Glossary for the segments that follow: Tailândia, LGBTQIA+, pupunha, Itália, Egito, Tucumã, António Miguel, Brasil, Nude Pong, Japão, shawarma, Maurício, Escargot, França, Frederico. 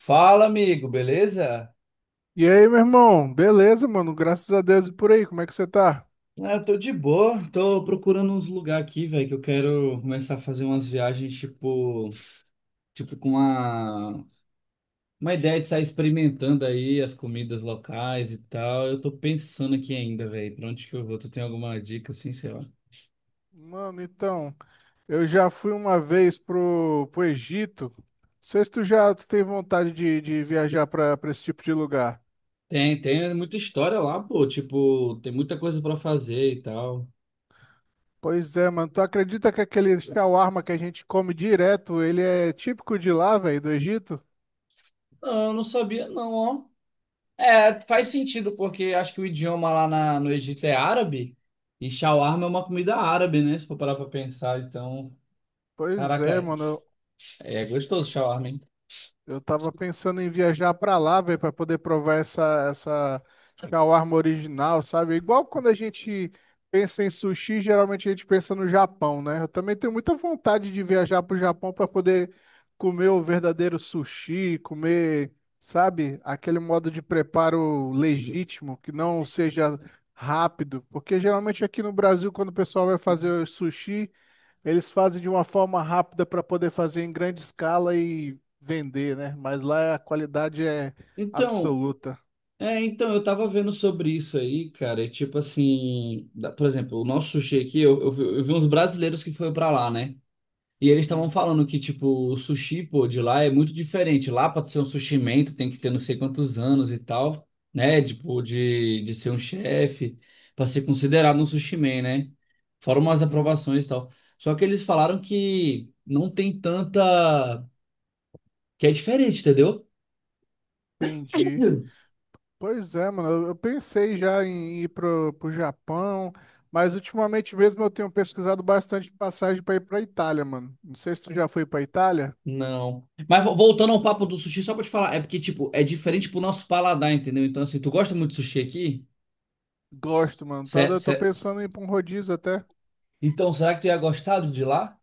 Fala, amigo, beleza? E aí, meu irmão? Beleza, mano? Graças a Deus e por aí, como é que você tá? Ah, eu tô de boa, tô procurando uns lugares aqui, velho, que eu quero começar a fazer umas viagens, tipo, tipo com uma, uma ideia de sair experimentando aí as comidas locais e tal. Eu tô pensando aqui ainda, velho, pra onde que eu vou? Tu tem alguma dica, assim, sei lá? Mano, então, eu já fui uma vez pro Egito. Não sei se tu tem vontade de viajar pra esse tipo de lugar. Tem muita história lá, pô, tipo, tem muita coisa pra fazer e tal. Pois é, mano. Tu acredita que aquele shawarma que a gente come direto, ele é típico de lá, velho, do Egito? Ah, eu não sabia não, ó. É, faz sentido, porque acho que o idioma lá no Egito é árabe e shawarma é uma comida árabe, né? Se for parar pra pensar, então, Pois caraca, é, é mano. é gostoso shawarma, hein? Eu tava pensando em viajar pra lá, velho, pra poder provar essa shawarma original, sabe? Igual quando a gente pensa em sushi, geralmente a gente pensa no Japão, né? Eu também tenho muita vontade de viajar pro Japão pra poder comer o verdadeiro sushi, comer, sabe, aquele modo de preparo legítimo, que não seja rápido, porque geralmente aqui no Brasil, quando o pessoal vai fazer sushi, eles fazem de uma forma rápida para poder fazer em grande escala e vender, né? Mas lá a qualidade é Então, absoluta. então, eu tava vendo sobre isso aí, cara, e tipo assim, por exemplo, o nosso sushi aqui, eu vi uns brasileiros que foram pra lá, né? E eles estavam Uhum, falando que, tipo, o sushi, pô, de lá é muito diferente. Lá, pra tu ser um sushi man, tu tem que ter não sei quantos anos e tal, né? Tipo, de ser um chefe, pra ser considerado um sushi man, né? Fora umas uhum, aprovações e tal. Só que eles falaram que não tem tanta... Que é diferente, entendeu? entendi. Pois é, mano. Eu pensei já em ir pro Japão, mas ultimamente mesmo eu tenho pesquisado bastante passagem para ir pra Itália, mano. Não sei se tu já foi pra Itália. Não. Mas voltando ao papo do sushi, só pra te falar, é porque, tipo, é diferente pro nosso paladar, entendeu? Então, assim, tu gosta muito de sushi aqui? Gosto, mano. Tá, Cé- eu tô cé- pensando em ir pra um rodízio até. Então, será que tu ia gostar do de lá?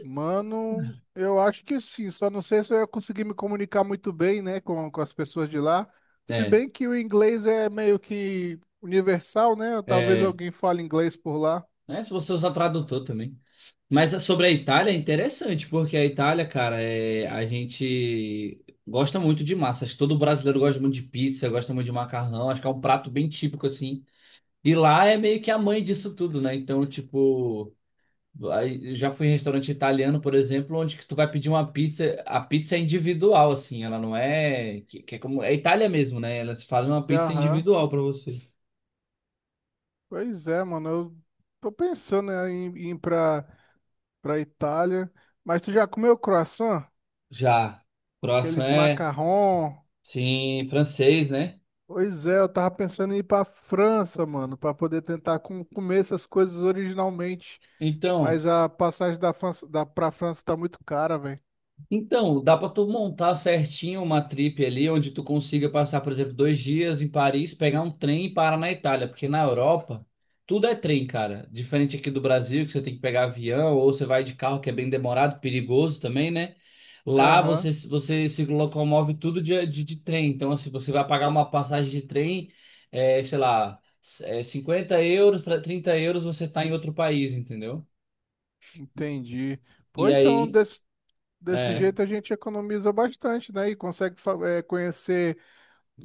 Mano, eu acho que sim, só não sei se eu ia conseguir me comunicar muito bem, né, com as pessoas de lá. Se É. bem que o inglês é meio que universal, né? Talvez É, alguém fale inglês por lá. né, se você usar tradutor também. Mas sobre a Itália é interessante, porque a Itália, cara, é, a gente gosta muito de massa. Acho que todo brasileiro gosta muito de pizza, gosta muito de macarrão. Acho que é um prato bem típico, assim. E lá é meio que a mãe disso tudo, né? Então, tipo, aí eu já fui em restaurante italiano, por exemplo, onde que tu vai pedir uma pizza. A pizza é individual, assim, ela não é. Que é como. É Itália mesmo, né? Elas fazem uma pizza Aham. individual pra você. Pois é, mano. Eu tô pensando né, em ir pra Itália. Mas tu já comeu croissant? Já. Croissant Aqueles é. macarrão. Sim, francês, né? Pois é, eu tava pensando em ir pra França, mano, pra poder tentar comer essas coisas originalmente. Então, Mas a passagem da França, da, pra França tá muito cara, velho. então dá para tu montar certinho uma trip ali onde tu consiga passar, por exemplo, dois dias em Paris, pegar um trem e parar na Itália, porque na Europa tudo é trem, cara. Diferente aqui do Brasil, que você tem que pegar avião ou você vai de carro, que é bem demorado, perigoso também, né? Lá você, Aham, você se locomove tudo de trem. Então, assim, você vai pagar uma passagem de trem, sei lá, é, 50 euros, 30 euros, você tá em outro país, entendeu? entendi. Pô, E então aí desse É, jeito a gente economiza bastante, né? E consegue conhecer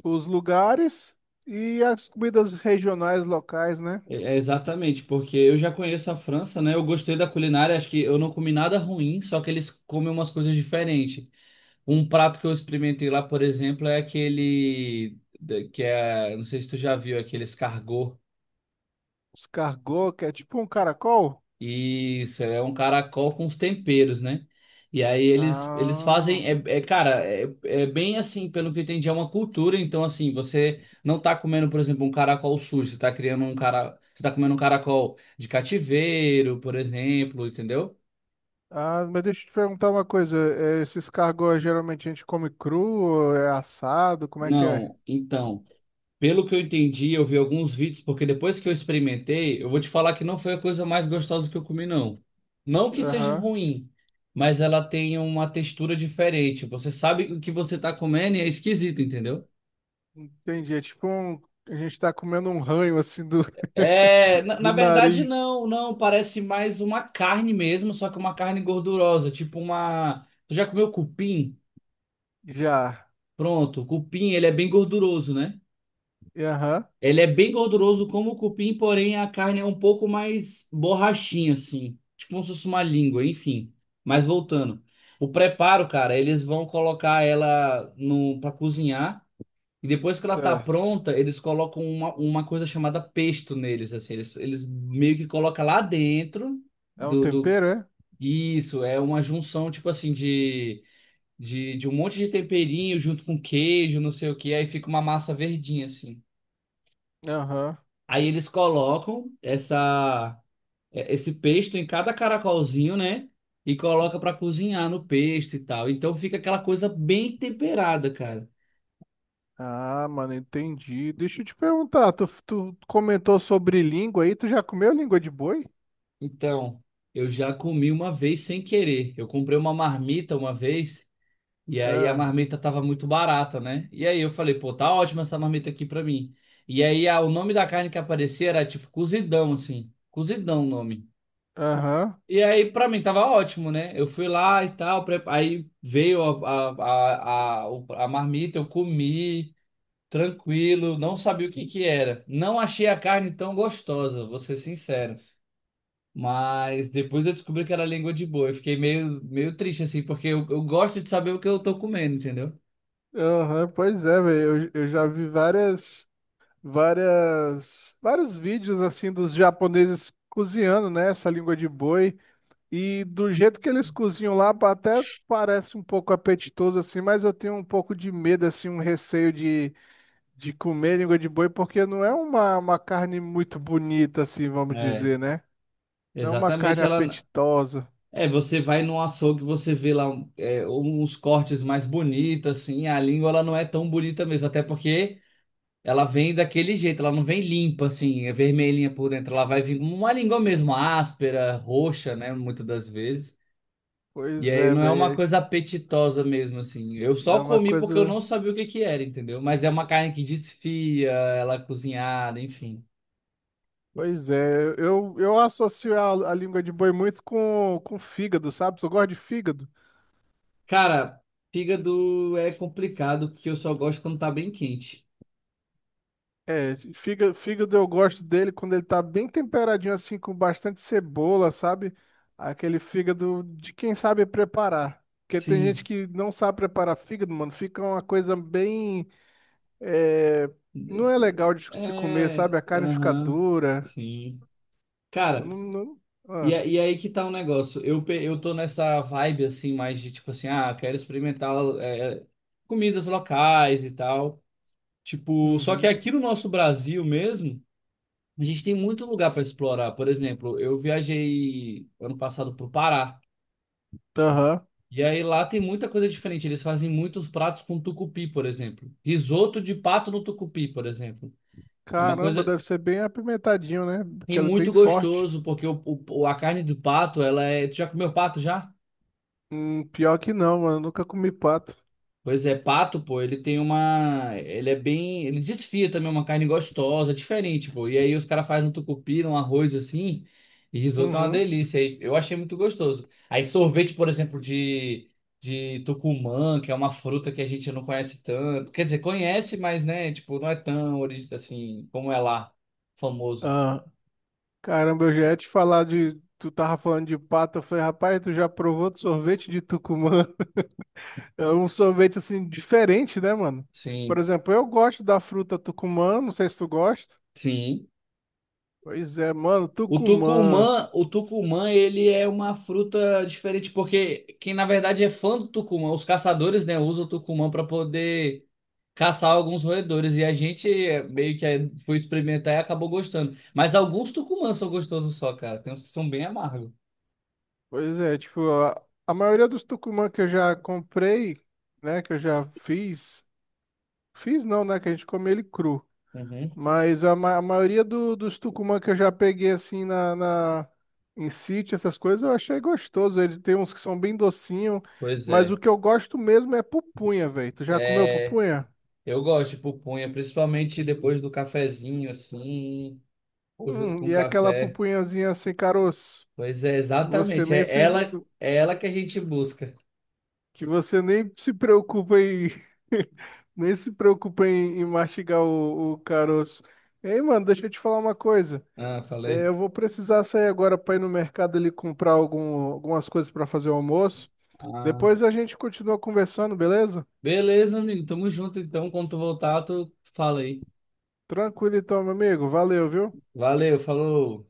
os lugares e as comidas regionais locais, né? é exatamente, porque eu já conheço a França, né? Eu gostei da culinária, acho que eu não comi nada ruim, só que eles comem umas coisas diferentes. Um prato que eu experimentei lá, por exemplo, é aquele que é, não sei se tu já viu, aquele escargot. Escargot, que é tipo um caracol. Isso, é um caracol com os temperos, né? E aí eles Ah. fazem, cara, é bem assim, pelo que eu entendi, é uma cultura, então assim, você não tá comendo, por exemplo, um caracol sujo, você tá criando um cara, você tá comendo um caracol de cativeiro, por exemplo, entendeu? Ah, mas deixa eu te perguntar uma coisa. Esses cargos geralmente a gente come cru, ou é assado, como é que é? Não, então. Pelo que eu entendi, eu vi alguns vídeos, porque depois que eu experimentei, eu vou te falar que não foi a coisa mais gostosa que eu comi, não. Não que seja Aham, ruim, mas ela tem uma textura diferente. Você sabe o que você tá comendo e é esquisito, entendeu? entendi. É tipo um... a gente tá comendo um ranho assim do, É, na, do na verdade, nariz. não, não. Parece mais uma carne mesmo, só que uma carne gordurosa, tipo uma. Tu já comeu cupim? Já. Pronto, o cupim, ele é bem gorduroso, né? E aham, Ele é bem gorduroso como o cupim, porém a carne é um pouco mais borrachinha, assim. Tipo como se fosse uma língua, enfim. Mas voltando. O preparo, cara, eles vão colocar ela no para cozinhar. E depois que ela tá certo. pronta, eles colocam uma coisa chamada pesto neles, assim. Eles meio que colocam lá dentro É um do... tempero, é? Isso, é uma junção, tipo assim, de um monte de temperinho junto com queijo, não sei o que. Aí fica uma massa verdinha, assim. Aham. Aí eles colocam essa, esse pesto em cada caracolzinho, né? E coloca para cozinhar no pesto e tal. Então fica aquela coisa bem temperada, cara. Ah, mano, entendi. Deixa eu te perguntar, tu comentou sobre língua aí, tu já comeu língua de boi? Então, eu já comi uma vez sem querer. Eu comprei uma marmita uma vez e aí a É. marmita tava muito barata, né? E aí eu falei, pô, tá ótima essa marmita aqui pra mim. E aí ah, o nome da carne que aparecia era tipo cozidão, assim. Cozidão o nome. Aham. E aí, pra mim, tava ótimo, né? Eu fui lá e tal, aí veio a marmita, eu comi, tranquilo, não sabia o que que era. Não achei a carne tão gostosa, vou ser sincero. Mas depois eu descobri que era língua de boi. Eu fiquei meio, meio triste, assim, porque eu gosto de saber o que eu tô comendo, entendeu? Aham, pois é, velho. Eu já vi várias. Várias vários vídeos assim dos japoneses cozinhando, né, essa língua de boi e do jeito que eles cozinham lá até parece um pouco apetitoso assim, mas eu tenho um pouco de medo assim, um receio de comer língua de boi porque não é uma carne muito bonita assim, vamos É, dizer, né? Não é uma carne exatamente. Ela. apetitosa. É, você vai num açougue, você vê lá um, é, uns cortes mais bonitos, assim, a língua ela não é tão bonita mesmo, até porque. Ela vem daquele jeito, ela não vem limpa, assim, é vermelhinha por dentro. Ela vai vir como uma língua mesmo, áspera, roxa, né? Muitas das vezes. E Pois aí é, não é uma velho, coisa apetitosa mesmo, assim. Eu é só uma comi porque eu coisa. não sabia o que que era, entendeu? Mas é uma carne que desfia, ela é cozinhada, enfim. Pois é, eu associo a língua de boi muito com fígado, sabe? Eu gosto de fígado. Cara, fígado é complicado porque eu só gosto quando tá bem quente. É, fígado eu gosto dele quando ele tá bem temperadinho assim, com bastante cebola, sabe? Aquele fígado de quem sabe preparar. Porque tem gente Sim. que não sabe preparar fígado, mano. Fica uma coisa bem. É, não é legal de se comer, É. sabe? A carne fica Aham. dura. Sim. Eu Cara. não, não- E, Ah. E aí que tá o negócio. Eu, eu tô nessa vibe assim, mais de tipo assim, ah, quero experimentar é, comidas locais e tal. Tipo, só que Uhum. aqui no nosso Brasil mesmo, a gente tem muito lugar para explorar. Por exemplo, eu viajei ano passado pro Pará. Aham. E aí lá tem muita coisa diferente. Eles fazem muitos pratos com tucupi, por exemplo. Risoto de pato no tucupi, por exemplo. É uma Caramba, coisa deve ser bem apimentadinho, né? Porque e ela é bem muito forte. gostoso, porque a carne do pato, ela é. Tu já comeu pato já? Pior que não, mano. Nunca comi pato. Pois é, pato, pô, ele tem uma. Ele é bem. Ele desfia também, é uma carne gostosa, diferente, pô. E aí os caras fazem um tucupi, um arroz assim, e risoto é uma Uhum. delícia. Aí eu achei muito gostoso. Aí sorvete, por exemplo, de tucumã, que é uma fruta que a gente não conhece tanto. Quer dizer, conhece, mas, né, tipo, não é tão assim, como é lá, famoso. Ah. Caramba, eu já ia te falar de. Tu tava falando de pato, eu falei, rapaz, tu já provou de sorvete de Tucumã? É um sorvete assim diferente, né, mano? Por Sim, exemplo, eu gosto da fruta Tucumã, não sei se tu gosta. sim. Pois é, mano, O Tucumã. tucumã, o tucumã, ele é uma fruta diferente, porque quem na verdade é fã do tucumã, os caçadores, né, usam o tucumã para poder caçar alguns roedores, e a gente é, meio que é, foi experimentar e acabou gostando. Mas alguns tucumãs são gostosos só, cara, tem uns que são bem amargos. Pois é, tipo, a maioria dos Tucumã que eu já comprei, né, que eu já fiz, fiz não, né, que a gente come ele cru. Uhum. Mas a, a maioria dos tucumã que eu já peguei assim na, em sítio, essas coisas, eu achei gostoso. Ele tem uns que são bem docinho, Pois mas o é. que eu gosto mesmo é pupunha, velho. Tu já comeu É, pupunha? eu gosto de pupunha, principalmente depois do cafezinho, assim, ou junto com E aquela café. pupunhazinha sem caroço. Pois é, Você exatamente, nem se, é ela que a gente busca. que você nem se preocupa em nem se preocupa em mastigar o caroço. Ei, mano, deixa eu te falar uma coisa. Ah, É, falei. eu vou precisar sair agora para ir no mercado ali comprar algumas coisas para fazer o almoço. Ah, Depois a gente continua conversando, beleza? beleza, amigo. Tamo junto, então. Quando tu voltar, tu fala aí. Tranquilo então, meu amigo. Valeu, viu? Valeu, falou.